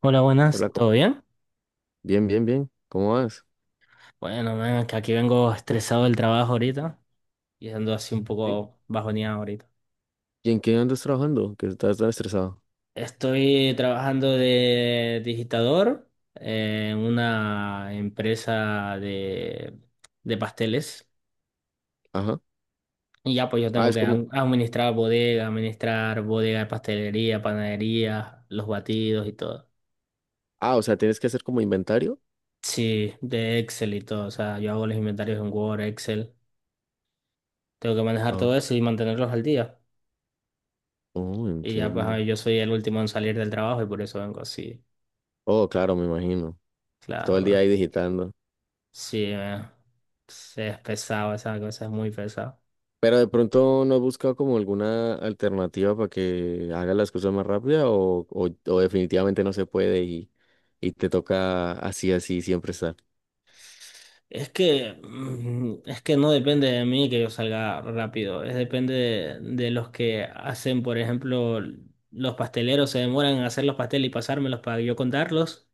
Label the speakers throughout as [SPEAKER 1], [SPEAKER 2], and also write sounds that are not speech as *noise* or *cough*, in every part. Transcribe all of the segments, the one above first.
[SPEAKER 1] Hola, buenas,
[SPEAKER 2] Hola,
[SPEAKER 1] ¿todo bien?
[SPEAKER 2] bien, bien, bien. ¿Cómo vas?
[SPEAKER 1] Bueno, man, que aquí vengo estresado del trabajo ahorita y ando así un
[SPEAKER 2] Sí,
[SPEAKER 1] poco bajoneado ahorita.
[SPEAKER 2] ¿y en qué andas trabajando? Que estás tan estresado.
[SPEAKER 1] Estoy trabajando de digitador en una empresa de pasteles
[SPEAKER 2] Ajá.
[SPEAKER 1] y ya pues yo
[SPEAKER 2] Ah,
[SPEAKER 1] tengo
[SPEAKER 2] es
[SPEAKER 1] que
[SPEAKER 2] como,
[SPEAKER 1] administrar bodega de pastelería, panadería, los batidos y todo.
[SPEAKER 2] ah, o sea, tienes que hacer como inventario.
[SPEAKER 1] Sí, de Excel y todo, o sea, yo hago los inventarios en Word, Excel, tengo que manejar todo
[SPEAKER 2] Ah,
[SPEAKER 1] eso y mantenerlos al día.
[SPEAKER 2] oh,
[SPEAKER 1] Y ya pues a
[SPEAKER 2] entiendo.
[SPEAKER 1] ver, yo soy el último en salir del trabajo y por eso vengo así.
[SPEAKER 2] Oh, claro, me imagino. Todo
[SPEAKER 1] Claro,
[SPEAKER 2] el día
[SPEAKER 1] bro.
[SPEAKER 2] ahí digitando.
[SPEAKER 1] Sí, es pesado, esa cosa es muy pesado.
[SPEAKER 2] Pero de pronto no has buscado como alguna alternativa para que haga las cosas más rápida o definitivamente no se puede y te toca así, así siempre estar.
[SPEAKER 1] Es que, es que no depende de mí que yo salga rápido, es depende de los que hacen, por ejemplo, los pasteleros se demoran en hacer los pasteles y pasármelos para yo contarlos,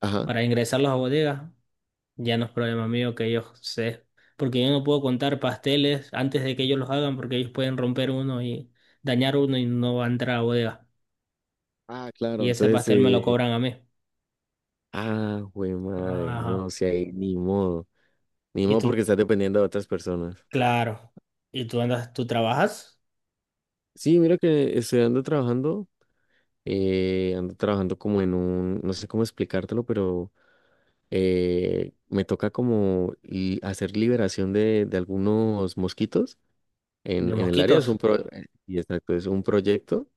[SPEAKER 2] Ajá.
[SPEAKER 1] para ingresarlos a bodegas. Ya no es problema mío que ellos se... Porque yo no puedo contar pasteles antes de que ellos los hagan porque ellos pueden romper uno y dañar uno y no va a entrar a bodega.
[SPEAKER 2] Ah, claro.
[SPEAKER 1] Y ese pastel me lo cobran a mí.
[SPEAKER 2] Ah, güey, madre.
[SPEAKER 1] Ajá.
[SPEAKER 2] No, si ahí ni modo. Ni
[SPEAKER 1] Y
[SPEAKER 2] modo porque
[SPEAKER 1] tú,
[SPEAKER 2] estás dependiendo de otras personas.
[SPEAKER 1] claro. ¿Y tú andas, tú trabajas
[SPEAKER 2] Sí, mira que estoy ando trabajando. Ando trabajando como en un. No sé cómo explicártelo, pero me toca como hacer liberación de algunos mosquitos
[SPEAKER 1] de
[SPEAKER 2] en el área. Es un
[SPEAKER 1] mosquitos?
[SPEAKER 2] pro, y exacto, es un proyecto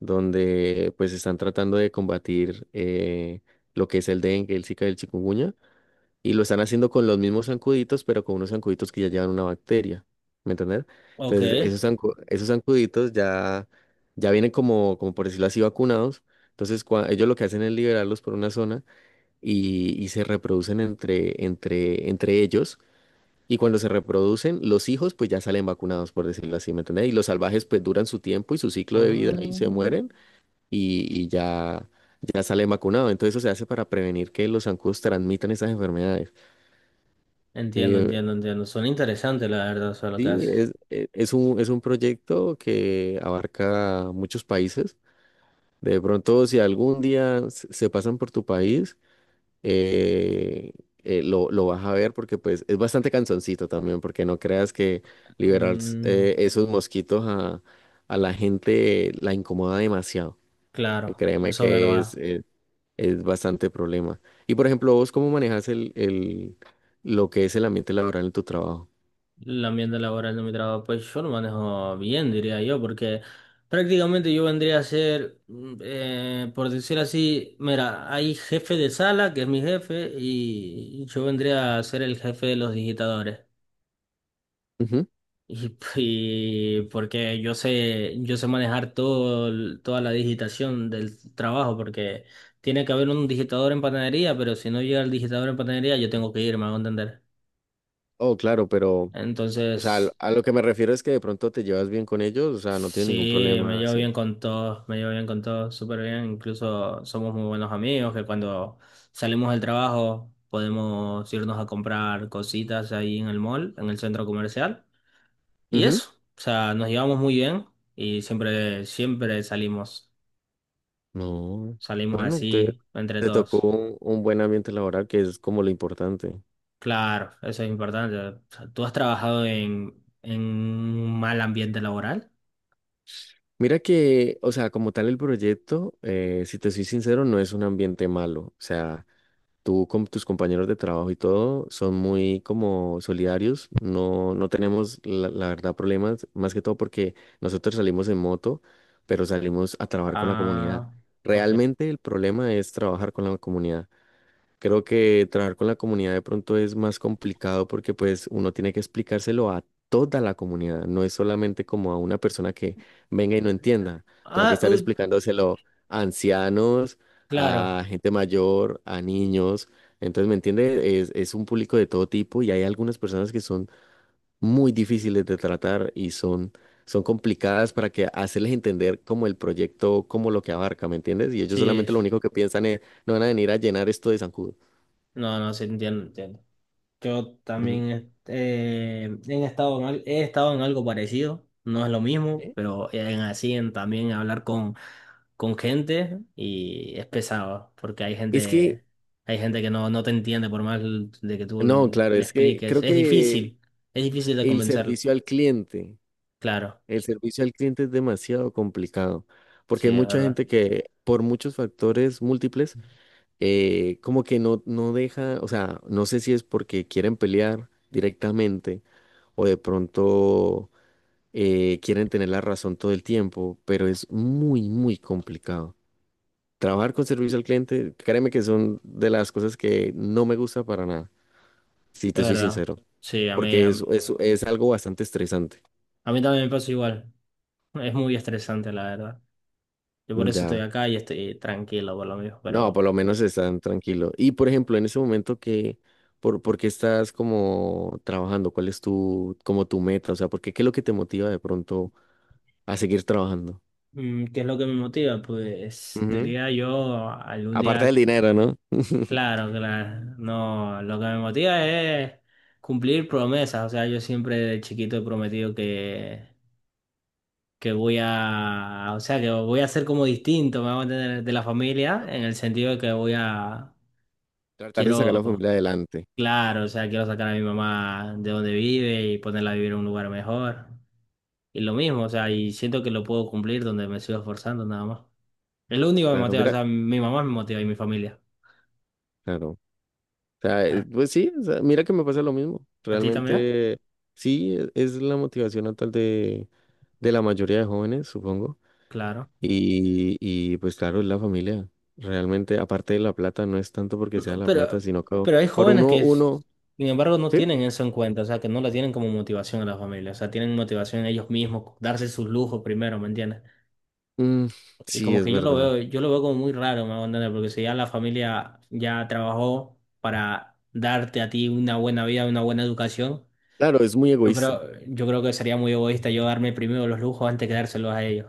[SPEAKER 2] donde pues están tratando de combatir lo que es el dengue, el Zika y el chikungunya. Y lo están haciendo con los mismos zancuditos, pero con unos zancuditos que ya llevan una bacteria. ¿Me entendés?
[SPEAKER 1] Ok.
[SPEAKER 2] Entonces, esos zancuditos ya vienen por decirlo así, vacunados. Entonces, ellos lo que hacen es liberarlos por una zona y se reproducen entre ellos. Y cuando se reproducen, los hijos pues ya salen vacunados, por decirlo así, ¿me entendés? Y los salvajes pues duran su tiempo y su ciclo de vida y se
[SPEAKER 1] Ah,
[SPEAKER 2] mueren y ya salen vacunados. Entonces, eso se hace para prevenir que los zancudos transmitan esas enfermedades.
[SPEAKER 1] entiendo, entiendo,
[SPEAKER 2] Eh,
[SPEAKER 1] entiendo. Son interesantes, la verdad, eso lo que
[SPEAKER 2] Sí,
[SPEAKER 1] haces.
[SPEAKER 2] es un proyecto que abarca muchos países. De pronto, si algún día se pasan por tu país, eh, lo vas a ver porque pues es bastante cansoncito también, porque no creas que liberar
[SPEAKER 1] Mm,
[SPEAKER 2] esos mosquitos a la gente la incomoda demasiado. Eh,
[SPEAKER 1] claro,
[SPEAKER 2] créeme
[SPEAKER 1] eso es
[SPEAKER 2] que es,
[SPEAKER 1] verdad.
[SPEAKER 2] eh, es bastante problema. Y por ejemplo, vos, ¿cómo manejas lo que es el ambiente laboral en tu trabajo?
[SPEAKER 1] El ambiente laboral de mi trabajo, pues yo lo manejo bien, diría yo, porque prácticamente yo vendría a ser, por decir así, mira, hay jefe de sala, que es mi jefe, y yo vendría a ser el jefe de los digitadores.
[SPEAKER 2] Ujú.
[SPEAKER 1] *laughs* Y porque yo sé manejar todo, toda la digitación del trabajo, porque tiene que haber un digitador en panadería, pero si no llega el digitador en panadería, yo tengo que irme, a entender.
[SPEAKER 2] Oh, claro, pero... O sea,
[SPEAKER 1] Entonces.
[SPEAKER 2] a lo que me refiero es que de pronto te llevas bien con ellos, o sea, no tienes ningún
[SPEAKER 1] Sí, me
[SPEAKER 2] problema,
[SPEAKER 1] llevo
[SPEAKER 2] ¿sí?
[SPEAKER 1] bien con todos, me llevo bien con todos, súper bien. Incluso somos muy buenos amigos, que cuando salimos del trabajo podemos irnos a comprar cositas ahí en el mall, en el centro comercial. Y
[SPEAKER 2] Ujú.
[SPEAKER 1] eso, o sea, nos llevamos muy bien y siempre, siempre salimos,
[SPEAKER 2] No.
[SPEAKER 1] salimos
[SPEAKER 2] Bueno, te,
[SPEAKER 1] así entre
[SPEAKER 2] Te tocó
[SPEAKER 1] todos.
[SPEAKER 2] un buen ambiente laboral, que es como lo importante.
[SPEAKER 1] Claro, eso es importante. O sea, ¿tú has trabajado en un mal ambiente laboral?
[SPEAKER 2] Mira que, o sea, como tal el proyecto, si te soy sincero, no es un ambiente malo. O sea, tú con tus compañeros de trabajo y todo son muy como solidarios, no, no tenemos la verdad problemas, más que todo porque nosotros salimos en moto, pero salimos a trabajar con la comunidad.
[SPEAKER 1] Ah, ok.
[SPEAKER 2] Realmente el problema es trabajar con la comunidad. Creo que trabajar con la comunidad de pronto es más complicado porque pues uno tiene que explicárselo a toda la comunidad, no es solamente como a una persona que venga y no entienda, tengo que
[SPEAKER 1] Ah,
[SPEAKER 2] estar explicándoselo a ancianos, a
[SPEAKER 1] claro,
[SPEAKER 2] gente mayor, a niños, entonces, ¿me entiende? Es un público de todo tipo y hay algunas personas que son muy difíciles de tratar y son complicadas para que hacerles entender como el proyecto, como lo que abarca, ¿me entiendes? Y ellos
[SPEAKER 1] sí.
[SPEAKER 2] solamente lo único que piensan es, no van a venir a llenar esto de zancudo.
[SPEAKER 1] No, no, sí, entiendo, entiendo. Yo
[SPEAKER 2] Ujú.
[SPEAKER 1] también he estado en, he estado en algo parecido, no es lo mismo,
[SPEAKER 2] ¿Eh?
[SPEAKER 1] pero en así en también hablar con gente y es pesado, porque
[SPEAKER 2] Es que,
[SPEAKER 1] hay gente que no, no te entiende por más de que tú
[SPEAKER 2] no, claro,
[SPEAKER 1] le
[SPEAKER 2] es que
[SPEAKER 1] expliques.
[SPEAKER 2] creo que
[SPEAKER 1] Es difícil de
[SPEAKER 2] el
[SPEAKER 1] convencerle.
[SPEAKER 2] servicio al cliente,
[SPEAKER 1] Claro,
[SPEAKER 2] el servicio al cliente es demasiado complicado, porque hay
[SPEAKER 1] sí, es
[SPEAKER 2] mucha
[SPEAKER 1] verdad,
[SPEAKER 2] gente que por muchos factores múltiples, como que no, no deja, o sea, no sé si es porque quieren pelear directamente o de pronto quieren tener la razón todo el tiempo, pero es muy complicado. Trabajar con servicio al cliente, créeme que son de las cosas que no me gusta para nada, si
[SPEAKER 1] es
[SPEAKER 2] te soy
[SPEAKER 1] verdad.
[SPEAKER 2] sincero.
[SPEAKER 1] Sí, a mí,
[SPEAKER 2] Porque
[SPEAKER 1] a mí
[SPEAKER 2] es algo bastante estresante.
[SPEAKER 1] a mí también me pasa igual. Es muy estresante, la verdad. Yo por eso estoy
[SPEAKER 2] Ya,
[SPEAKER 1] acá y estoy tranquilo por lo mismo,
[SPEAKER 2] no, por
[SPEAKER 1] pero...
[SPEAKER 2] lo menos están tranquilos. Y por ejemplo, en ese momento ¿por qué estás como trabajando? ¿Cuál es tu, como tu meta? O sea, ¿qué es lo que te motiva de pronto a seguir trabajando?
[SPEAKER 1] Mm, ¿qué es lo que me motiva? Pues
[SPEAKER 2] Ujú.
[SPEAKER 1] diría yo algún
[SPEAKER 2] Aparte
[SPEAKER 1] día,
[SPEAKER 2] del dinero, ¿no? *laughs* ¿No?
[SPEAKER 1] claro, claro, no, lo que me motiva es cumplir promesas, o sea, yo siempre de chiquito he prometido que voy a, o sea, que voy a ser como distinto, me voy a mantener de la familia, en el sentido de que voy a,
[SPEAKER 2] Tratar de sacar a la
[SPEAKER 1] quiero,
[SPEAKER 2] familia adelante.
[SPEAKER 1] claro, o sea, quiero sacar a mi mamá de donde vive y ponerla a vivir en un lugar mejor, y lo mismo, o sea, y siento que lo puedo cumplir donde me sigo esforzando nada más. Es lo único que me
[SPEAKER 2] Claro,
[SPEAKER 1] motiva, o
[SPEAKER 2] mira,
[SPEAKER 1] sea, mi mamá me motiva y mi familia.
[SPEAKER 2] claro. O sea, pues sí, o sea, mira que me pasa lo mismo.
[SPEAKER 1] ¿A ti también?
[SPEAKER 2] Realmente sí, es la motivación actual de la mayoría de jóvenes, supongo.
[SPEAKER 1] Claro.
[SPEAKER 2] Y pues claro, es la familia. Realmente, aparte de la plata, no es tanto porque sea
[SPEAKER 1] No,
[SPEAKER 2] la plata,
[SPEAKER 1] Pero,
[SPEAKER 2] sino que
[SPEAKER 1] pero hay
[SPEAKER 2] por
[SPEAKER 1] jóvenes
[SPEAKER 2] uno,
[SPEAKER 1] que,
[SPEAKER 2] uno,
[SPEAKER 1] sin embargo, no
[SPEAKER 2] ¿sí?
[SPEAKER 1] tienen eso en cuenta, o sea, que no la tienen como motivación a la familia, o sea, tienen motivación en ellos mismos, darse sus lujos primero, ¿me entiendes?
[SPEAKER 2] Mm,
[SPEAKER 1] Y
[SPEAKER 2] sí,
[SPEAKER 1] como
[SPEAKER 2] es
[SPEAKER 1] que
[SPEAKER 2] verdad.
[SPEAKER 1] yo lo veo como muy raro, me hago entender, porque si ya la familia ya trabajó para darte a ti una buena vida, una buena educación,
[SPEAKER 2] Claro, es muy
[SPEAKER 1] yo creo,
[SPEAKER 2] egoísta.
[SPEAKER 1] yo creo que sería muy egoísta yo darme primero los lujos antes que dárselos a ellos.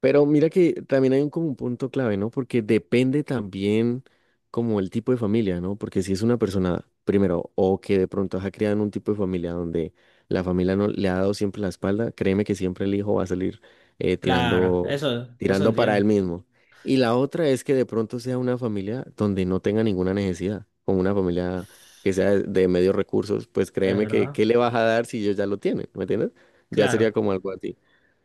[SPEAKER 2] Pero mira que también hay un, como un punto clave, ¿no? Porque depende también como el tipo de familia, ¿no? Porque si es una persona, primero, o que de pronto ha criado en un tipo de familia donde la familia no le ha dado siempre la espalda, créeme que siempre el hijo va a salir eh,
[SPEAKER 1] Claro,
[SPEAKER 2] tirando,
[SPEAKER 1] eso
[SPEAKER 2] tirando para él
[SPEAKER 1] entiendo,
[SPEAKER 2] mismo. Y la otra es que de pronto sea una familia donde no tenga ninguna necesidad, como una familia que sea de medios recursos, pues
[SPEAKER 1] es
[SPEAKER 2] créeme que
[SPEAKER 1] verdad.
[SPEAKER 2] ¿qué le vas a dar si ellos ya lo tienen? ¿Me entiendes? Ya sería
[SPEAKER 1] Claro.
[SPEAKER 2] como algo así.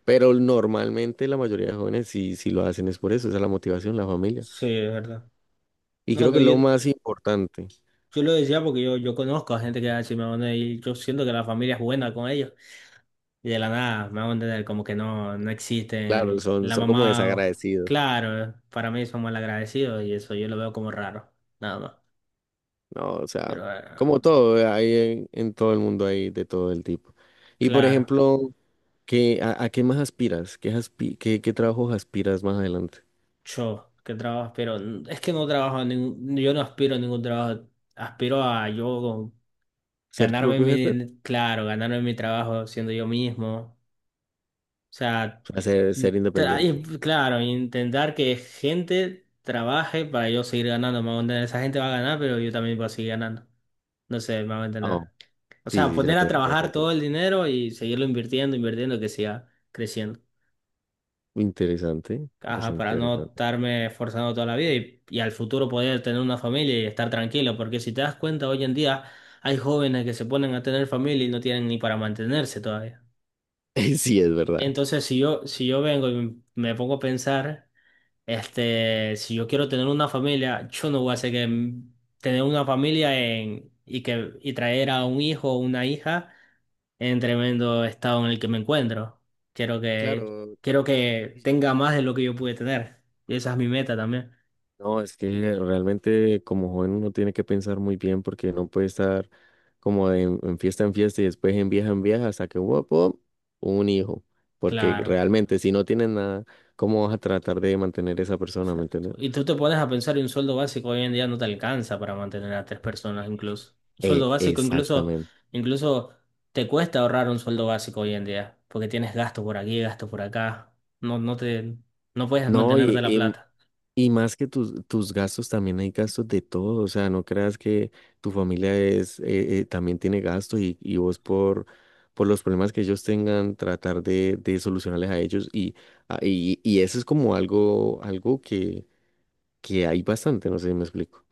[SPEAKER 2] Pero normalmente la mayoría de jóvenes sí, sí lo hacen, es por eso, esa es la motivación, la familia.
[SPEAKER 1] Sí, es verdad.
[SPEAKER 2] Y
[SPEAKER 1] No,
[SPEAKER 2] creo que
[SPEAKER 1] pero yo,
[SPEAKER 2] lo más importante,
[SPEAKER 1] yo lo decía porque yo conozco a gente que es así, me van a decir, y yo siento que la familia es buena con ellos. Y de la nada, me van a entender como que no, no
[SPEAKER 2] claro,
[SPEAKER 1] existen.
[SPEAKER 2] son,
[SPEAKER 1] La
[SPEAKER 2] son como
[SPEAKER 1] mamá,
[SPEAKER 2] desagradecidos,
[SPEAKER 1] claro, para mí son malagradecidos y eso yo lo veo como raro, nada más.
[SPEAKER 2] ¿no? O sea,
[SPEAKER 1] Pero
[SPEAKER 2] como todo, hay en todo el mundo hay de todo el tipo. Y por
[SPEAKER 1] claro,
[SPEAKER 2] ejemplo, ¿qué, a qué más aspiras? ¿Qué, qué trabajos aspiras más adelante?
[SPEAKER 1] yo que trabajo, pero es que no trabajo, en ningún, yo no aspiro a ningún trabajo, aspiro a yo
[SPEAKER 2] ¿Ser tu
[SPEAKER 1] ganarme
[SPEAKER 2] propio jefe? O
[SPEAKER 1] mi, claro, ganarme mi trabajo siendo yo mismo. O sea,
[SPEAKER 2] sea, ser independiente.
[SPEAKER 1] Y, claro, intentar que gente trabaje para yo seguir ganando, me hago entender. Esa gente va a ganar, pero yo también voy a seguir ganando. No sé, me hago entender.
[SPEAKER 2] Oh,
[SPEAKER 1] O
[SPEAKER 2] sí,
[SPEAKER 1] sea,
[SPEAKER 2] sí,
[SPEAKER 1] poner a
[SPEAKER 2] ya te
[SPEAKER 1] trabajar todo
[SPEAKER 2] entiendo.
[SPEAKER 1] el dinero y seguirlo invirtiendo, invirtiendo, que siga creciendo.
[SPEAKER 2] Interesante,
[SPEAKER 1] Ajá,
[SPEAKER 2] bastante
[SPEAKER 1] para no
[SPEAKER 2] interesante.
[SPEAKER 1] estarme esforzando toda la vida y al futuro poder tener una familia y estar tranquilo. Porque si te das cuenta, hoy en día hay jóvenes que se ponen a tener familia y no tienen ni para mantenerse todavía.
[SPEAKER 2] *laughs* Sí, es verdad.
[SPEAKER 1] Entonces, si yo, si yo vengo y me pongo a pensar. Este, si yo quiero tener una familia, yo no voy a hacer que tener una familia en, y que y traer a un hijo o una hija en tremendo estado en el que me encuentro. Quiero que
[SPEAKER 2] Claro.
[SPEAKER 1] quiero que tenga más de lo que yo pude tener. Y esa es mi meta también.
[SPEAKER 2] No, es que realmente como joven uno tiene que pensar muy bien porque no puede estar como en fiesta y después en vieja hasta que wop, wop, un hijo. Porque
[SPEAKER 1] Claro.
[SPEAKER 2] realmente si no tienes nada, ¿cómo vas a tratar de mantener esa persona? ¿Me
[SPEAKER 1] Exacto.
[SPEAKER 2] entiendes?
[SPEAKER 1] Y tú te pones a pensar y un sueldo básico hoy en día no te alcanza para mantener a tres personas incluso. Un sueldo básico incluso,
[SPEAKER 2] Exactamente.
[SPEAKER 1] incluso te cuesta ahorrar un sueldo básico hoy en día, porque tienes gasto por aquí, gasto por acá. No, no te, no puedes
[SPEAKER 2] No,
[SPEAKER 1] mantenerte
[SPEAKER 2] y,
[SPEAKER 1] la plata.
[SPEAKER 2] Y más que tus, tus gastos, también hay gastos de todo. O sea, no creas que tu familia es, también tiene gastos y vos por los problemas que ellos tengan, tratar de solucionarles a ellos. Y y eso es como algo, algo que hay bastante, no sé si me explico.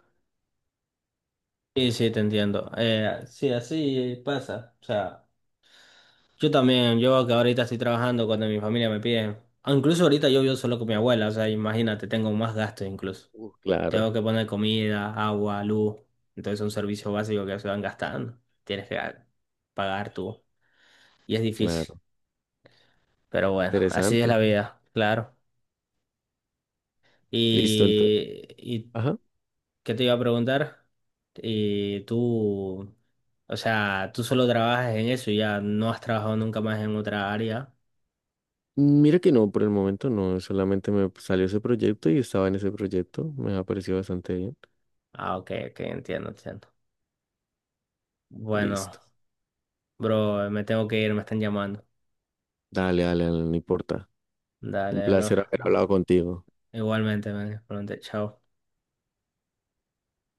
[SPEAKER 1] Sí, sí, te entiendo. Sí, así pasa. O sea, yo también, yo que ahorita estoy trabajando cuando mi familia me pide. Ah, incluso ahorita yo vivo solo con mi abuela, o sea, imagínate, tengo más gasto incluso.
[SPEAKER 2] Uf, claro,
[SPEAKER 1] Tengo que poner comida, agua, luz. Entonces son servicios básicos que se van gastando. Tienes que pagar tú. Y es difícil.
[SPEAKER 2] claro.
[SPEAKER 1] Pero bueno, así es la
[SPEAKER 2] Interesante.
[SPEAKER 1] vida, claro.
[SPEAKER 2] Listo, entonces.
[SPEAKER 1] Y
[SPEAKER 2] Ajá.
[SPEAKER 1] ¿qué te iba a preguntar? Y tú, o sea, tú solo trabajas en eso y ya no has trabajado nunca más en otra área.
[SPEAKER 2] Mira que no, por el momento no, solamente me salió ese proyecto y estaba en ese proyecto. Me ha parecido bastante bien.
[SPEAKER 1] Ah, ok, ok, entiendo, entiendo. Bueno,
[SPEAKER 2] Listo.
[SPEAKER 1] bro, me tengo que ir, me están llamando.
[SPEAKER 2] Dale, dale, dale, no importa. Un
[SPEAKER 1] Dale, bro.
[SPEAKER 2] placer haber hablado contigo.
[SPEAKER 1] Igualmente, man. Pronto, chao.